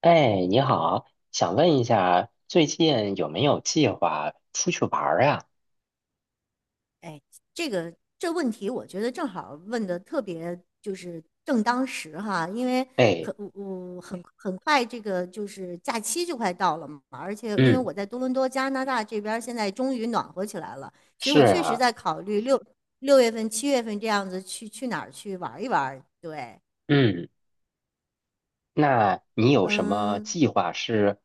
哎，你好，想问一下，最近有没有计划出去玩儿啊？哎，这问题，我觉得正好问的特别就是正当时哈。因为哎。我很快这个就是假期就快到了嘛，而且因为嗯。我在多伦多加拿大这边儿现在终于暖和起来了，所以是我确实啊。在考虑六月份、七月份这样子去哪儿去玩一玩。对。嗯。那你有什么嗯。计划，是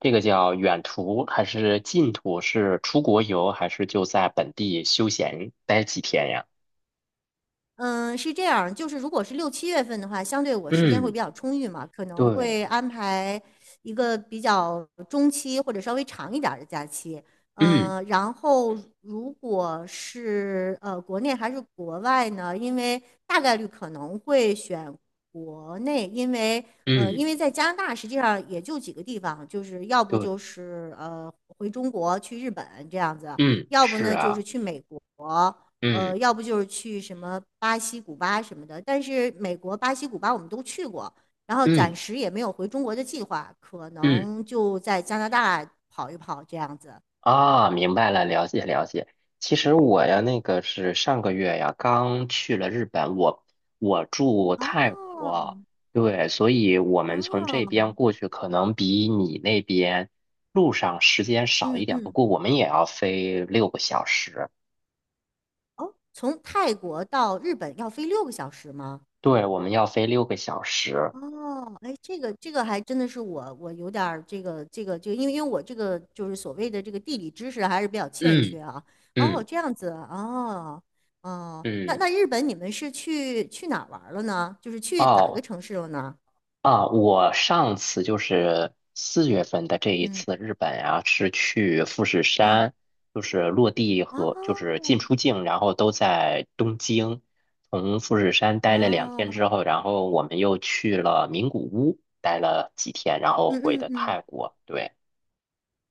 这个叫远途还是近途？是出国游还是就在本地休闲待几天呀？嗯，是这样，就是如果是6、7月份的话，相对我时间会嗯。比较充裕嘛，可能对。会安排一个比较中期或者稍微长一点儿的假期。嗯嗯，然后如果是国内还是国外呢？因为大概率可能会选国内。因为嗯。在加拿大实际上也就几个地方，就是要不就对。是回中国去日本这样子，嗯。要不是呢就是啊。去美国。嗯要不就是去什么巴西、古巴什么的。但是美国、巴西、古巴我们都去过，然后暂嗯时也没有回中国的计划，可嗯。能就在加拿大跑一跑这样子。啊，明白了，了解了解。其实我呀，那个是上个月呀，刚去了日本，我住泰哦。国。对，所以我们从这哦。边过去，可能比你那边路上时间少嗯一点，不嗯。过我们也要飞六个小时。哦，从泰国到日本要飞6个小时吗？对，我们要飞六个小时。哦。哎，这个还真的是我有点儿这个，因为我这个就是所谓的这个地理知识还是比较欠嗯缺啊。哦，嗯这样子。哦。哦，那嗯。那日本你们是去哪儿玩儿了呢？就是去哪个哦。城市了呢？啊，我上次就是四月份的这一嗯次日本啊，是去富士嗯。山，就是落地和就是哦。进出境，然后都在东京。从富士山待了两哦。天之后，然后我们又去了名古屋，待了几天，然后嗯回嗯的嗯。泰国。对。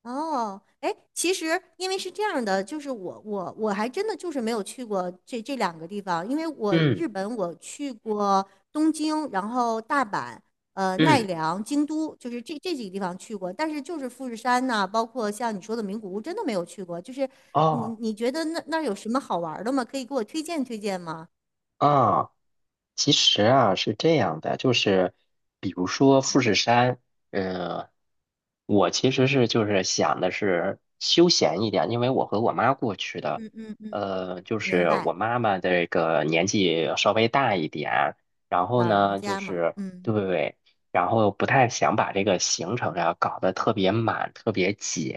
哦。哎，其实因为是这样的，就是我还真的就是没有去过这两个地方，因为我嗯日本我去过东京，然后大阪、奈嗯。良、京都，就是这几个地方去过，但是就是富士山呐、包括像你说的名古屋，真的没有去过。就是你哦。你觉得那儿有什么好玩儿的吗？可以给我推荐推荐吗？啊，其实啊，是这样的，就是比如说富士山，呃，我其实是就是想的是休闲一点，因为我和我妈过去的，嗯嗯嗯。就明是我白。妈妈这个年纪稍微大一点，然后老人呢，就家嘛。是嗯。对，然后不太想把这个行程啊搞得特别满，特别紧，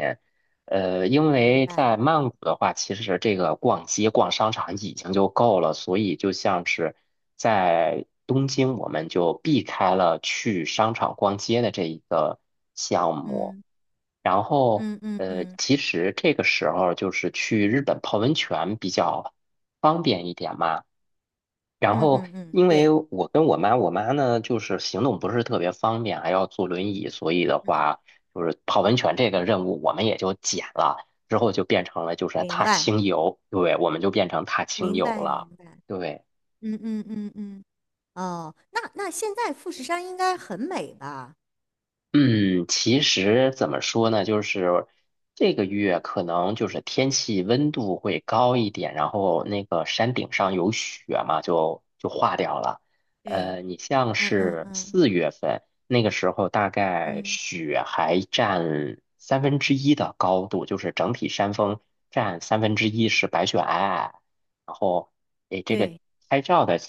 因明为白。在曼谷的话，其实这个逛街、逛商场已经就够了，所以就像是在东京，我们就避开了去商场逛街的这一个项目。嗯然后，嗯嗯嗯其实这个时候就是去日本泡温泉比较方便一点嘛。然嗯后，嗯嗯。因为对。我跟我妈，我妈呢就是行动不是特别方便，还要坐轮椅，所以的嗯。话，就是泡温泉这个任务我们也就减了，之后就变成了就是明踏白。青游。对，我们就变成踏青明游白了。明白。对。嗯嗯嗯嗯。哦，那现在富士山应该很美吧？嗯，其实怎么说呢，就是这个月可能就是天气温度会高一点，然后那个山顶上有雪嘛，就化掉了。对。你像嗯嗯是嗯四月份那个时候，大概嗯。雪还占三分之一的高度，就是整体山峰占三分之一是白雪皑皑，然后诶，这个对。拍照的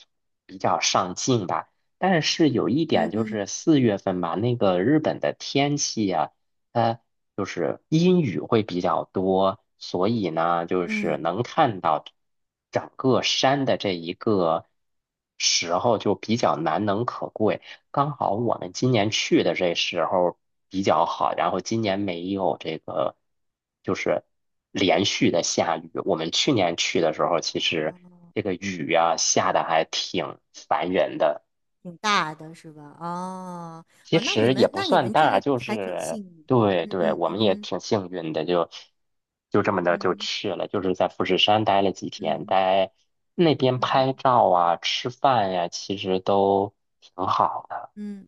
比较上镜吧。但是有一点嗯就是嗯四月份吧，那个日本的天气呀、它就是阴雨会比较多，所以呢，就是嗯。能看到整个山的这一个时候就比较难能可贵。刚好我们今年去的这时候比较好，然后今年没有这个就是连续的下雨。我们去年去的时候，其实这个雨呀、下的还挺烦人的。挺大的是吧？哦。其哦，那你实也们不那你算们这大，个就还挺是幸运。对对，嗯我嗯们也嗯挺幸运的，就这么的就嗯去了，就是在富士山待了几天，嗯待那边嗯嗯拍嗯照啊、吃饭呀、其实都挺好的。嗯。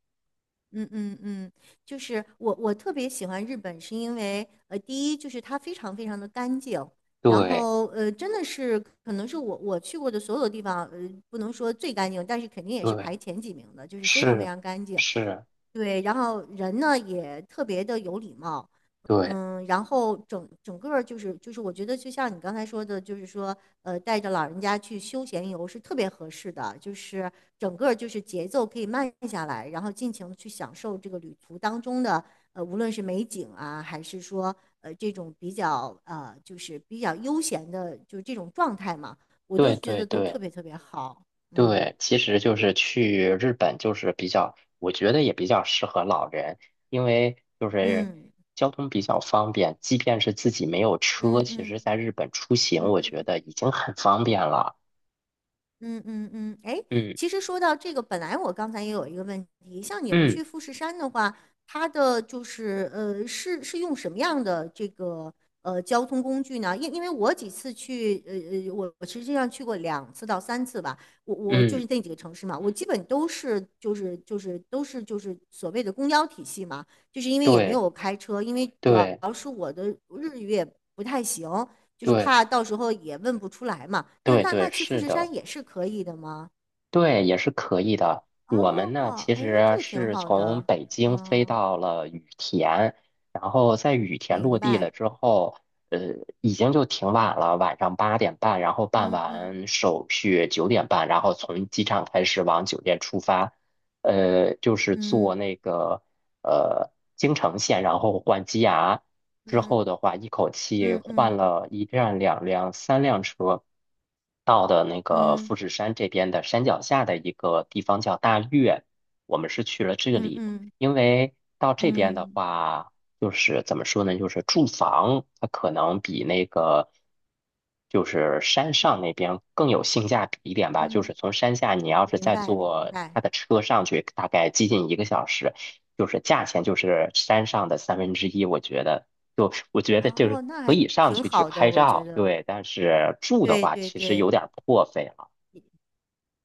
嗯嗯嗯。就是我特别喜欢日本，是因为第一就是它非常非常的干净，然对后真的是可能是我去过的所有地方，不能说最干净，但是肯定也是对。排前几名的，就是非常非是常干净。是。对，然后人呢也特别的有礼貌。对嗯，然后整个儿就是，我觉得就像你刚才说的，就是说，带着老人家去休闲游是特别合适的，就是整个儿就是节奏可以慢下来，然后尽情的去享受这个旅途当中的，无论是美景啊，还是说，这种比较就是比较悠闲的，就是这种状态嘛，我都对觉对得都特对。别特别好。嗯对，其实就是去日本，就是比较，我觉得也比较适合老人，因为就是嗯交通比较方便，即便是自己没有车，嗯其实嗯在日本出行，嗯我嗯觉得已经很方便了。嗯嗯嗯。哎，嗯其实说到这个，本来我刚才也有一个问题，像你们嗯去富士山的话，它的就是是用什么样的这个交通工具呢？因为我几次去，我实际上去过2次到3次吧。我就嗯。是那几个城市嘛，我基本都是就是所谓的公交体系嘛，就是因为也没对有开车，因为主要对是我的日语也不太行。就是对怕到时候也问不出来嘛。就对那对，那去富是士山的。也是可以的吗？对，也是可以的。我们呢，哦。其哎，这实个挺是好从的。北京飞嗯，到了羽田，然后在羽田明落地白。了之后，呃，已经就挺晚了，晚上8点半，然后办嗯嗯完手续9点半，然后从机场开始往酒店出发，就是坐嗯那个呃京成线，然后换机衙，之后嗯的话，一口气嗯换嗯了一辆、两辆、三辆车，到的那个嗯富士山这边的山脚下的一个地方叫大岳，我们是去了这嗯里，嗯因为到这边的嗯话，就是怎么说呢，就是住房它可能比那个。就是山上那边更有性价比一点吧，就是嗯。从山下你要是明再白明坐白。他的车上去，大概接近1个小时，就是价钱就是山上的三分之一，我觉得。就我觉得就是哦，那可还以上挺去去好的，拍我觉照。得。对，但是住的对话对其实有对点儿破费了。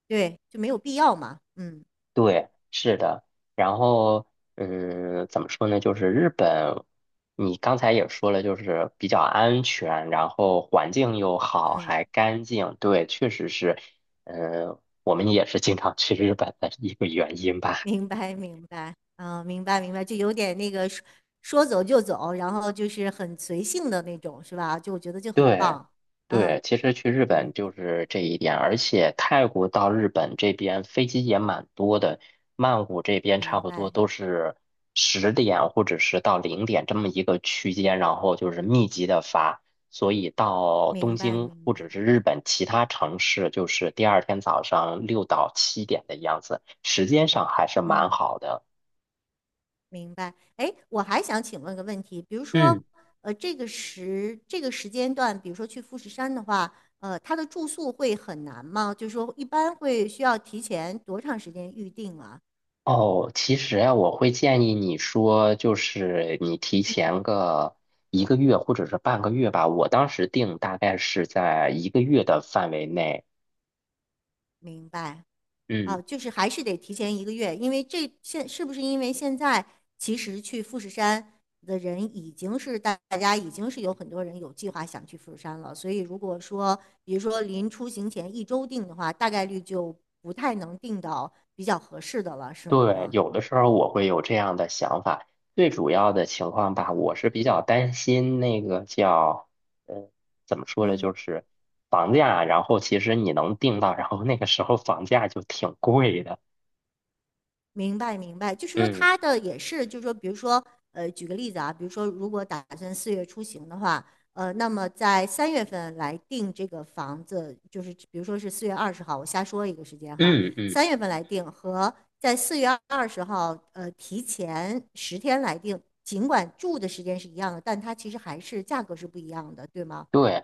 对，就没有必要嘛。嗯对，是的。然后，嗯，怎么说呢？就是日本，你刚才也说了，就是比较安全，然后环境又好，嗯。还干净。对，确实是，嗯，我们也是经常去日本的一个原因吧。明白，明白。嗯。明白，明白，就有点那个说说走就走，然后就是很随性的那种，是吧？就我觉得就很对。棒。嗯对，其实去日嗯。本就是这一点，而且泰国到日本这边飞机也蛮多的，曼谷这边差明不多白，都是10点或者是到0点这么一个区间，然后就是密集的发，所以到东明白，京明或白。者是日本其他城市，就是第二天早上6到7点的样子，时间上还是蛮嗯。好的。明白。哎，我还想请问个问题，比如说，嗯。这个时间段，比如说去富士山的话，它的住宿会很难吗？就是说，一般会需要提前多长时间预定啊？哦，其实啊，我会建议你说，就是你提前个一个月或者是半个月吧。我当时定大概是在一个月的范围内。明白。啊，嗯。就是还是得提前1个月，因为这现是不是因为现在其实去富士山的人已经是大家已经是有很多人有计划想去富士山了，所以如果说比如说临出行前1周定的话，大概率就不太能定到比较合适的了，是吗？对，有的时候我会有这样的想法。最主要的情况吧，我是比较担心那个叫，呃，怎么说呢，嗯。就是房价。然后其实你能定到，然后那个时候房价就挺贵的。明白明白，就是说嗯他的也是，就是说，比如说，举个例子啊，比如说，如果打算四月出行的话，那么在三月份来定这个房子，就是比如说是四月二十号，我瞎说一个时间哈，嗯嗯。三月份来定和在四月二十号，提前10天来定，尽管住的时间是一样的，但它其实还是价格是不一样的，对吗？对，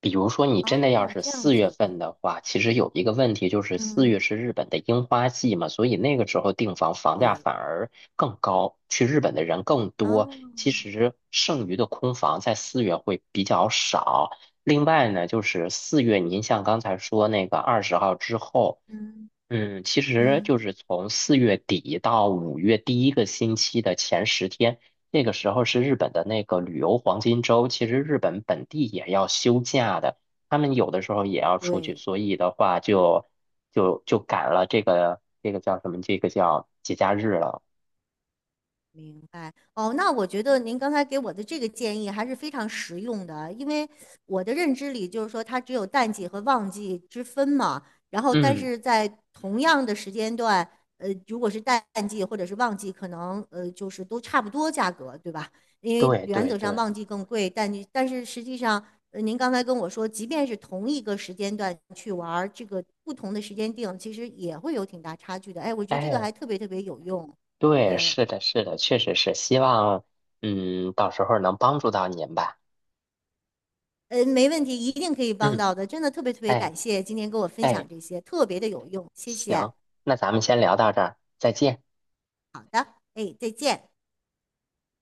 比如说你真哦，的要是这样四月子。份的话，其实有一个问题就是四嗯。月是日本的樱花季嘛，所以那个时候订房房价对。反而更高，去日本的人更多。哦。其实剩余的空房在四月会比较少。另外呢，就是四月，您像刚才说那个20号之后。嗯嗯，其实嗯。就是从4月底到5月第一个星期的前10天，那个时候是日本的那个旅游黄金周。其实日本本地也要休假的，他们有的时候也要出去，对。所以的话就赶了这个叫什么？这个叫节假日了。明白哦，那我觉得您刚才给我的这个建议还是非常实用的啊，因为我的认知里就是说它只有淡季和旺季之分嘛。然后但嗯。是在同样的时间段，如果是淡季或者是旺季，可能就是都差不多价格，对吧？因为对原对则上对。旺季更贵，淡季，但是实际上，您刚才跟我说，即便是同一个时间段去玩儿这个不同的时间定，其实也会有挺大差距的。哎，我觉得这个哎。还特别特别有用，对，对。是的，是的，确实是，希望到时候能帮助到您吧。嗯，没问题，一定可以帮嗯。到的。真的特别特别哎感谢今天跟我分哎。享这些，特别的有用，谢谢。行，那咱们先聊到这儿，再见。哎，再见。